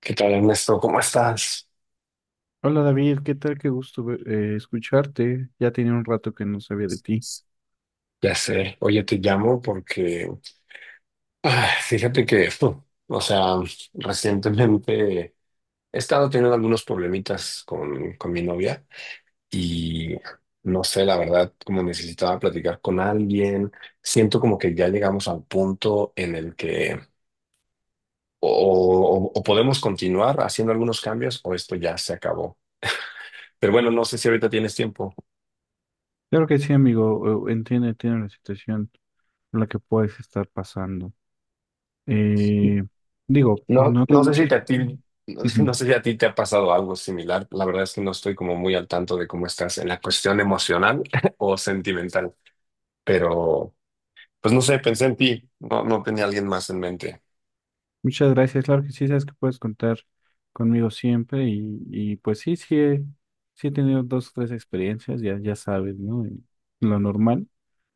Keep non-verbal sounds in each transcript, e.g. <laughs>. ¿Qué tal, Ernesto? ¿Cómo estás? Hola, David, ¿qué tal? Qué gusto escucharte. Ya tenía un rato que no sabía de ti. Ya sé, oye, te llamo porque, fíjate que, o sea, recientemente he estado teniendo algunos problemitas con mi novia y no sé, la verdad, como necesitaba platicar con alguien, siento como que ya llegamos al punto en el que o, o podemos continuar haciendo algunos cambios o esto ya se acabó. Pero bueno, no sé si ahorita tienes tiempo. Claro que sí, amigo. Entiendo, entiendo la situación por la que puedes estar pasando. Eh, Digo, No, no te no sé si muchas. te, a ti, <laughs> no Ujú. sé si a ti te ha pasado algo similar. La verdad es que no estoy como muy al tanto de cómo estás en la cuestión emocional <laughs> o sentimental, pero pues no sé, pensé en ti. No tenía alguien más en mente. Muchas gracias. Claro que sí, sabes que puedes contar conmigo siempre. Y pues sí, sí he tenido dos o tres experiencias, ya sabes, ¿no? Y lo normal.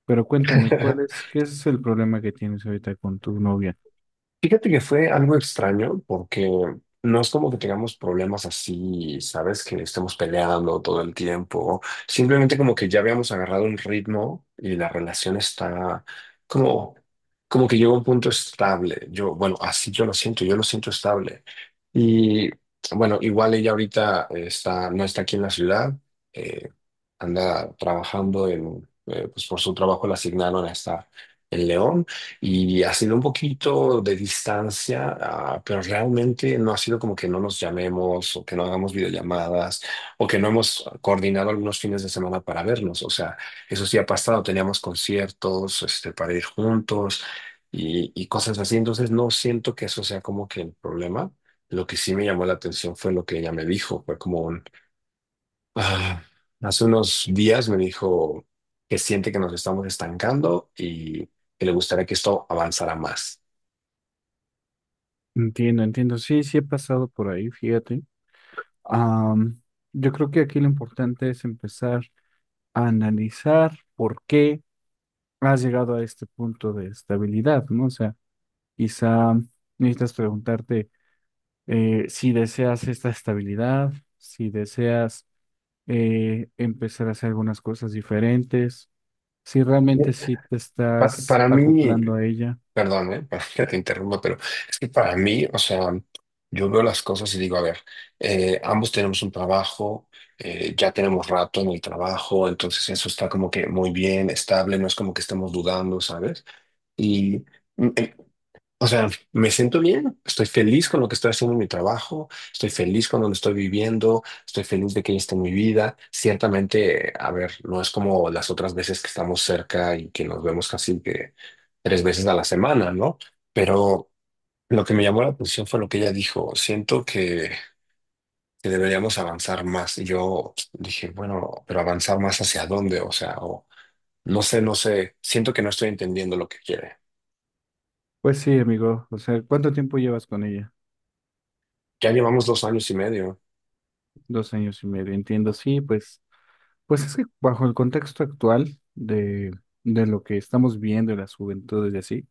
Pero cuéntame, <laughs> ¿qué es el problema que tienes ahorita con tu novia? Fíjate que fue algo extraño porque no es como que tengamos problemas así, ¿sabes? Que estemos peleando todo el tiempo. Simplemente como que ya habíamos agarrado un ritmo y la relación está como, como que llegó a un punto estable. Yo, bueno, así yo lo siento estable. Y bueno, igual ella ahorita está, no está aquí en la ciudad, eh, anda trabajando en, pues por su trabajo la asignaron a estar en León y ha sido un poquito de distancia, pero realmente no ha sido como que no nos llamemos o que no hagamos videollamadas o que no hemos coordinado algunos fines de semana para vernos. O sea, eso sí ha pasado, teníamos conciertos, este, para ir juntos y cosas así. Entonces no siento que eso sea como que el problema. Lo que sí me llamó la atención fue lo que ella me dijo, fue como un Ah, hace unos días me dijo que siente que nos estamos estancando y que le gustaría que esto avanzara más. Entiendo, entiendo. Sí, sí he pasado por ahí, fíjate. Am, yo creo que aquí lo importante es empezar a analizar por qué has llegado a este punto de estabilidad, ¿no? O sea, quizá necesitas preguntarte, si deseas esta estabilidad, si deseas empezar a hacer algunas cosas diferentes, si realmente Eh, sí te estás Para mí, acoplando a ella. perdón, <laughs> para que te interrumpa, pero es que para mí, o sea, yo veo las cosas y digo, a ver, ambos tenemos un trabajo, ya tenemos rato en el trabajo, entonces eso está como que muy bien, estable, no es como que estemos dudando, ¿sabes? Y mm, eh, o sea, me siento bien, estoy feliz con lo que estoy haciendo en mi trabajo, estoy feliz con donde estoy viviendo, estoy feliz de que ella esté en mi vida. Ciertamente, a ver, no es como las otras veces que estamos cerca y que nos vemos casi que tres veces a la semana, ¿no? Pero lo que me llamó la atención fue lo que ella dijo, siento que deberíamos avanzar más. Y yo dije, bueno, pero avanzar más hacia dónde, o sea, o, no sé, siento que no estoy entendiendo lo que quiere. Pues sí, amigo. O sea, ¿cuánto tiempo llevas con ella? Ya llevamos dos años y medio. 2 años y medio. Entiendo, sí, pues. Pues es que bajo el contexto actual de, de lo que estamos viendo en las juventudes y así,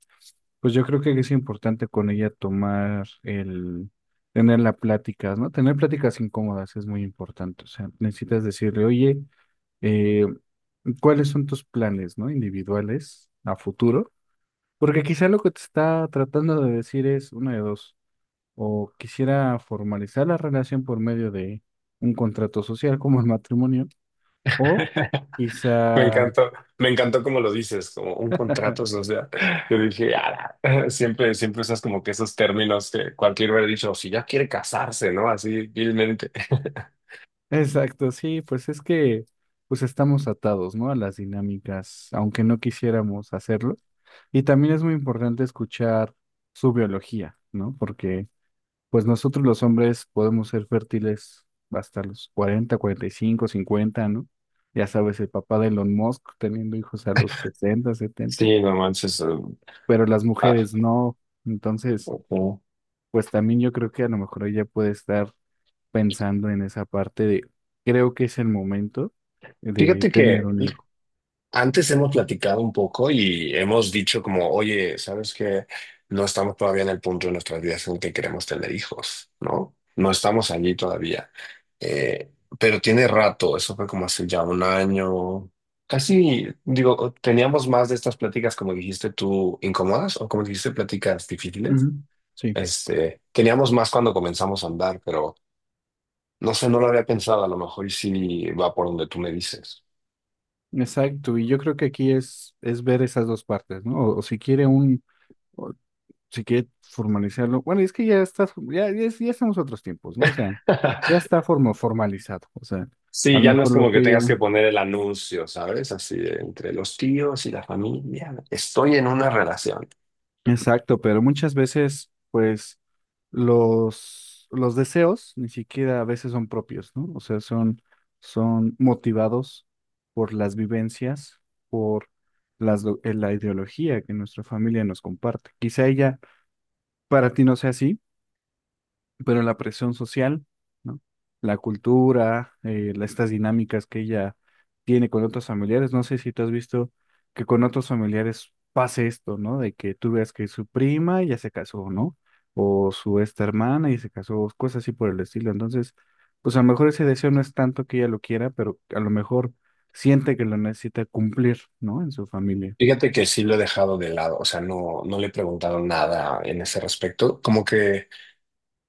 pues yo creo que es importante con ella tener la plática, ¿no? Tener pláticas incómodas es muy importante. O sea, necesitas decirle, oye, eh, ¿cuáles son tus planes? ¿No? Individuales a futuro. Porque quizá lo que te está tratando de decir es una de dos. O quisiera formalizar la relación por medio de un contrato social como el matrimonio. O Me quizá. encantó, me encantó como lo dices, como un contrato <laughs> social. Yo dije, "Ala". <laughs> Siempre usas como que esos términos que cualquier hubiera dicho, si ya quiere casarse, ¿no? Así vilmente. <laughs> Exacto, sí, pues es que pues estamos atados, ¿no? A las dinámicas, aunque no quisiéramos hacerlo. Y también es muy importante escuchar su biología, ¿no? Porque pues nosotros los hombres podemos ser fértiles hasta los 40, 45, 50 ¿no? Ya sabes, el papá de Elon Musk teniendo hijos a los 60, 70 Sí, no manches. Pero las ah, mujeres no. Entonces, ujú. pues también yo creo que a lo mejor ella puede estar pensando en esa parte de, creo que es el momento de Fíjate tener que un hijo. Antes hemos platicado un poco y hemos dicho como, oye, ¿sabes qué? No estamos todavía en el punto de nuestras vidas en que queremos tener hijos, ¿no? No estamos allí todavía. Eh, pero tiene rato, eso fue como hace ya un año, casi, digo, teníamos más de estas pláticas, como dijiste tú, incómodas o como dijiste, pláticas difíciles. Ujú. Sí, Este, teníamos más cuando comenzamos a andar, pero no sé, no lo había pensado, a lo mejor y sí va por donde tú me dices. exacto. Y yo creo que aquí es ver esas dos partes, ¿no? O si quiere formalizarlo. Bueno, es que ya está, ya, ya, es- ya estamos a otros tiempos, ¿no? O sea, ya <laughs> está formalizado. O sea, a Sí, lo ya no es mejor lo como que que tengas ella. que poner el anuncio, ¿sabes? Así de entre los tíos y la familia. Estoy en una relación. Exacto, pero muchas veces, pues, los deseos ni siquiera a veces son propios, ¿no? O sea, son motivados por las vivencias, por la ideología que nuestra familia nos comparte. Quizá ella para ti no sea así, pero la presión social, ¿no? La cultura, estas dinámicas que ella tiene con otros familiares, no sé si tú has visto que con otros familiares pase esto, ¿no? De que tú veas que su prima ya se casó, ¿no? O su esta hermana y se casó, cosas así por el estilo. Entonces, pues a lo mejor ese deseo no es tanto que ella lo quiera, pero a lo mejor siente que lo necesita cumplir, ¿no? En su familia. Fíjate que sí lo he dejado de lado, o sea, no le he preguntado nada en ese respecto. Como que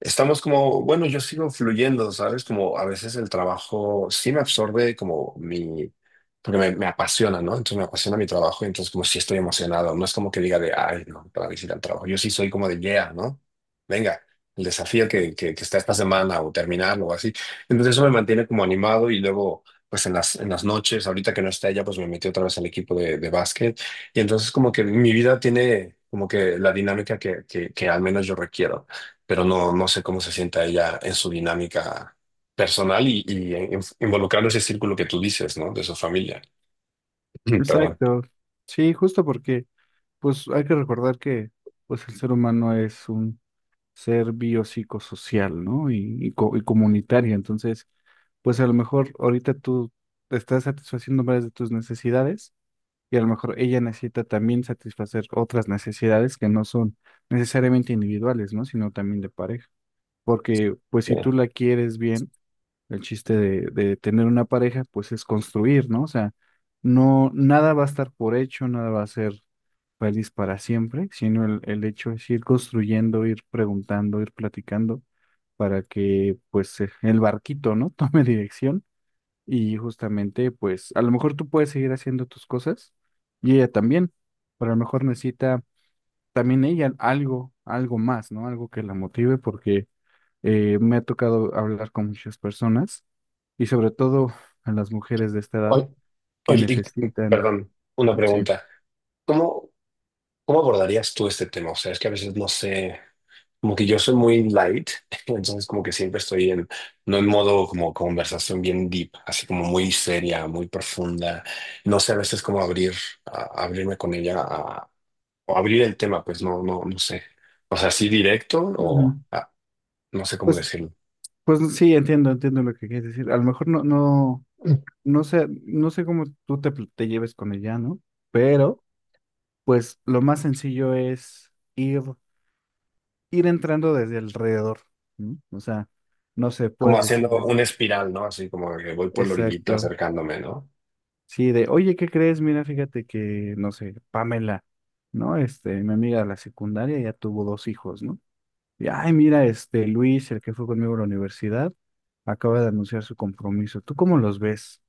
Estamos como, bueno, yo sigo fluyendo, ¿sabes? Como a veces el trabajo sí me absorbe como mi, porque me apasiona, ¿no? Entonces me apasiona mi trabajo, y entonces como si estoy emocionado, no es como que diga de, ay, no, para visitar el trabajo. Yo sí soy como de, yeah, ¿no? Venga, el desafío que está esta semana o terminarlo o así. Entonces eso me mantiene como animado y luego, pues en las noches, ahorita que no está ella, pues me metí otra vez al equipo de básquet y entonces como que mi vida tiene como que la dinámica que al menos yo requiero pero no, no sé cómo se sienta ella en su dinámica personal y en- involucrando ese círculo que tú dices, ¿no? De su familia. <clears throat> Perdón. Exacto. Sí, justo porque, pues hay que recordar que, pues el ser humano es un ser biopsicosocial, ¿no? Y comunitaria. Entonces, pues a lo mejor ahorita tú estás satisfaciendo varias de tus necesidades y a lo mejor ella necesita también satisfacer otras necesidades que no son necesariamente individuales, ¿no? Sino también de pareja. Porque, pues si Eh, tú la quieres bien, el chiste de tener una pareja, pues es construir, ¿no? O sea, no, nada va a estar por hecho, nada va a ser feliz para siempre, sino el hecho es ir construyendo, ir preguntando, ir platicando para que pues el barquito, ¿no? <laughs> Tome dirección y justamente pues a lo mejor tú puedes seguir haciendo tus cosas y ella también, pero a lo mejor necesita también ella algo, algo más, ¿no? Algo que la motive porque me ha tocado hablar con muchas personas y sobre todo a las mujeres de esta edad oy- que Oye, necesitan, perdón, una sí. pregunta. ¿Cómo, ¿cómo abordarías tú este tema? O sea, es que a veces no sé, como que yo soy muy light, <laughs> entonces como que siempre estoy en, no en modo como conversación bien deep, así como muy seria, muy profunda. No sé a veces cómo abrir, abrirme con ella o abrir el tema, pues no sé. O sea, así directo Ujú. No sé cómo Pues, decirlo. pues sí, entiendo, entiendo lo que quieres decir. A lo mejor no, no, no sé cómo tú te lleves con ella, ¿no? Pero, pues lo más sencillo es ir entrando desde alrededor, ¿no? O sea, no sé, Como puedes haciendo decirle. una espiral, ¿no? Así como que voy por la orillita Exacto. acercándome, ¿no? Sí, oye, ¿qué crees? Mira, fíjate que, no sé, Pamela, ¿no? Este, mi amiga de la secundaria ya tuvo dos hijos, ¿no? Y, ay, mira, este, Luis, el que fue conmigo a la universidad, acaba de anunciar su compromiso. ¿Tú cómo los ves?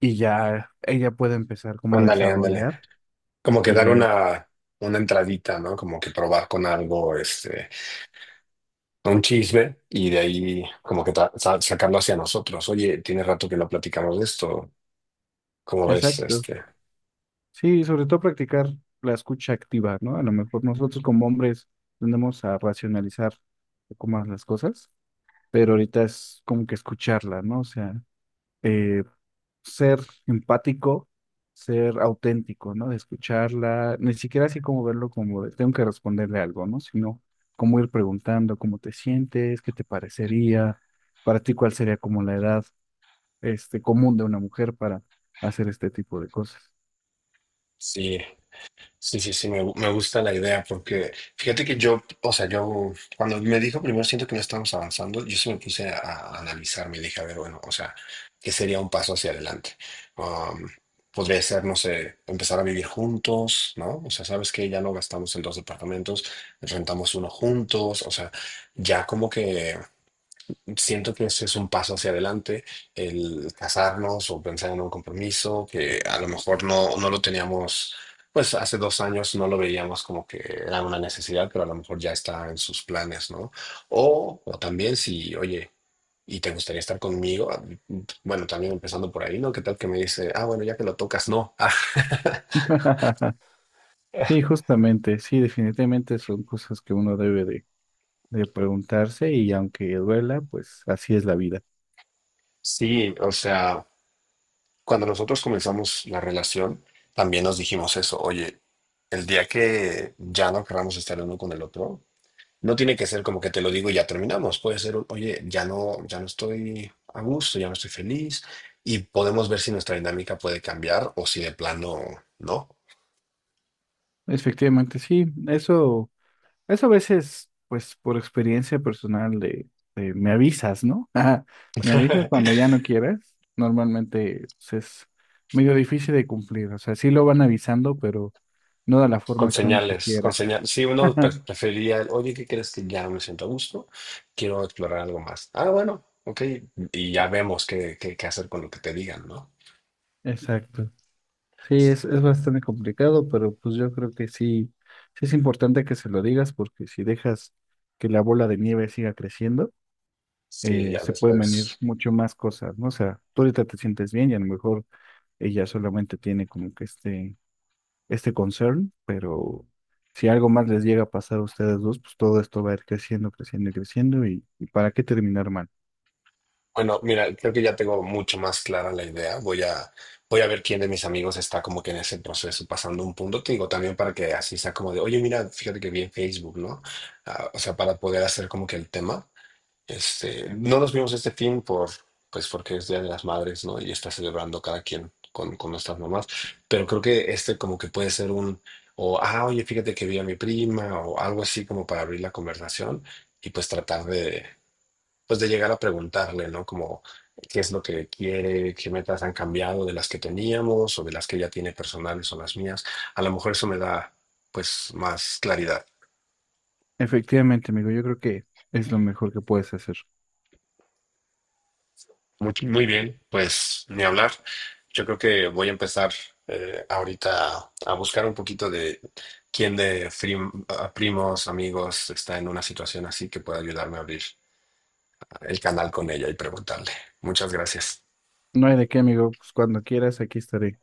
Y ya ella puede empezar como a Ándale, ándale. desarrollar Como que y dar ya. Una entradita, ¿no? Como que probar con algo, este, un chisme y de ahí como que sacarlo hacia nosotros. Oye, tiene rato que no platicamos de esto. ¿Cómo ves, Exacto. este? Sí, sobre todo practicar la escucha activa, ¿no? A lo mejor nosotros como hombres tendemos a racionalizar un poco más las cosas, pero ahorita es como que escucharla, ¿no? O sea, eh, ser empático, ser auténtico, ¿no? De escucharla, ni siquiera así como verlo como de, tengo que responderle algo, ¿no? Sino como ir preguntando cómo te sientes, qué te parecería, para ti cuál sería como la edad este, común de una mujer para hacer este tipo de cosas. Sí. Me gusta la idea porque fíjate que yo, o sea, yo cuando me dijo primero siento que no estamos avanzando, yo se me puse a analizar, me dije, a ver, bueno, o sea, ¿qué sería un paso hacia adelante? Um, podría ser, no sé, empezar a vivir juntos, ¿no? O sea, sabes que ya no gastamos en dos departamentos, rentamos uno juntos, o sea, ya como que siento que eso es un paso hacia adelante, el casarnos o pensar en un compromiso que a lo mejor no lo teníamos, pues hace dos años no lo veíamos como que era una necesidad, pero a lo mejor ya está en sus planes, ¿no? O también si, oye, ¿y te gustaría estar conmigo? Bueno, también empezando por ahí, ¿no? ¿Qué tal que me dice, ah, bueno, ya que lo tocas, no? <laughs> Sí, <laughs> justamente, sí, definitivamente son cosas que uno debe de preguntarse y aunque duela, pues así es la vida. sí, o sea. Cuando nosotros comenzamos la relación, también nos dijimos eso, oye, el día que ya no queramos estar el uno con el otro, no tiene que ser como que te lo digo y ya terminamos, puede ser, un, oye, ya no estoy a gusto, ya no estoy feliz y podemos ver si nuestra dinámica puede cambiar o si de plano no. Efectivamente, sí, eso a veces, pues por experiencia personal de me avisas, ¿no? <laughs> Me avisas <laughs> cuando ya no quieres. Normalmente pues, es medio difícil de cumplir. O sea, sí lo van avisando, pero no de la Con forma que uno señales, con quisiera. señales. Si uno <laughs> prefería, el, oye, ¿qué crees que ya no me siento a gusto? Quiero explorar algo más. Ah, bueno, ok. Y ya vemos qué hacer con lo que te digan, ¿no? Exacto. Sí, es bastante complicado, pero pues yo creo que sí, sí es importante que se lo digas porque si dejas que la bola de nieve siga creciendo, Sí, ya se pueden venir después. mucho más cosas, ¿no? O sea, tú ahorita te sientes bien y a lo mejor ella solamente tiene como que este concern, pero si algo más les llega a pasar a ustedes dos, pues todo esto va a ir creciendo, creciendo y creciendo y ¿para qué terminar mal? Bueno, mira, creo que ya tengo mucho más clara la idea. Voy a ver quién de mis amigos está como que en ese proceso, pasando un punto. Te digo también para que así sea como de, oye, mira, fíjate que vi en Facebook, ¿no? Ah, o sea, para poder hacer como que el tema. Este, no nos vimos este fin por, pues porque es Día de las Madres, ¿no? Y está celebrando cada quien con nuestras mamás. Pero creo que este como que puede ser un, o, ah, oye, fíjate que vi a mi prima, o algo así como para abrir la conversación y pues de llegar a preguntarle, ¿no? Como qué es lo que quiere, qué metas han cambiado de las que teníamos o de las que ella tiene personales o las mías. A lo mejor eso me da pues más claridad. Efectivamente, amigo, yo creo que es lo mejor que puedes hacer. Muy, muy bien, pues ni hablar. Yo creo que voy a empezar ahorita a buscar un poquito de quién a primos, amigos está en una situación así que pueda ayudarme a abrir el canal con ella y preguntarle. Muchas gracias. No hay de qué, amigo, pues cuando quieras, aquí estaré.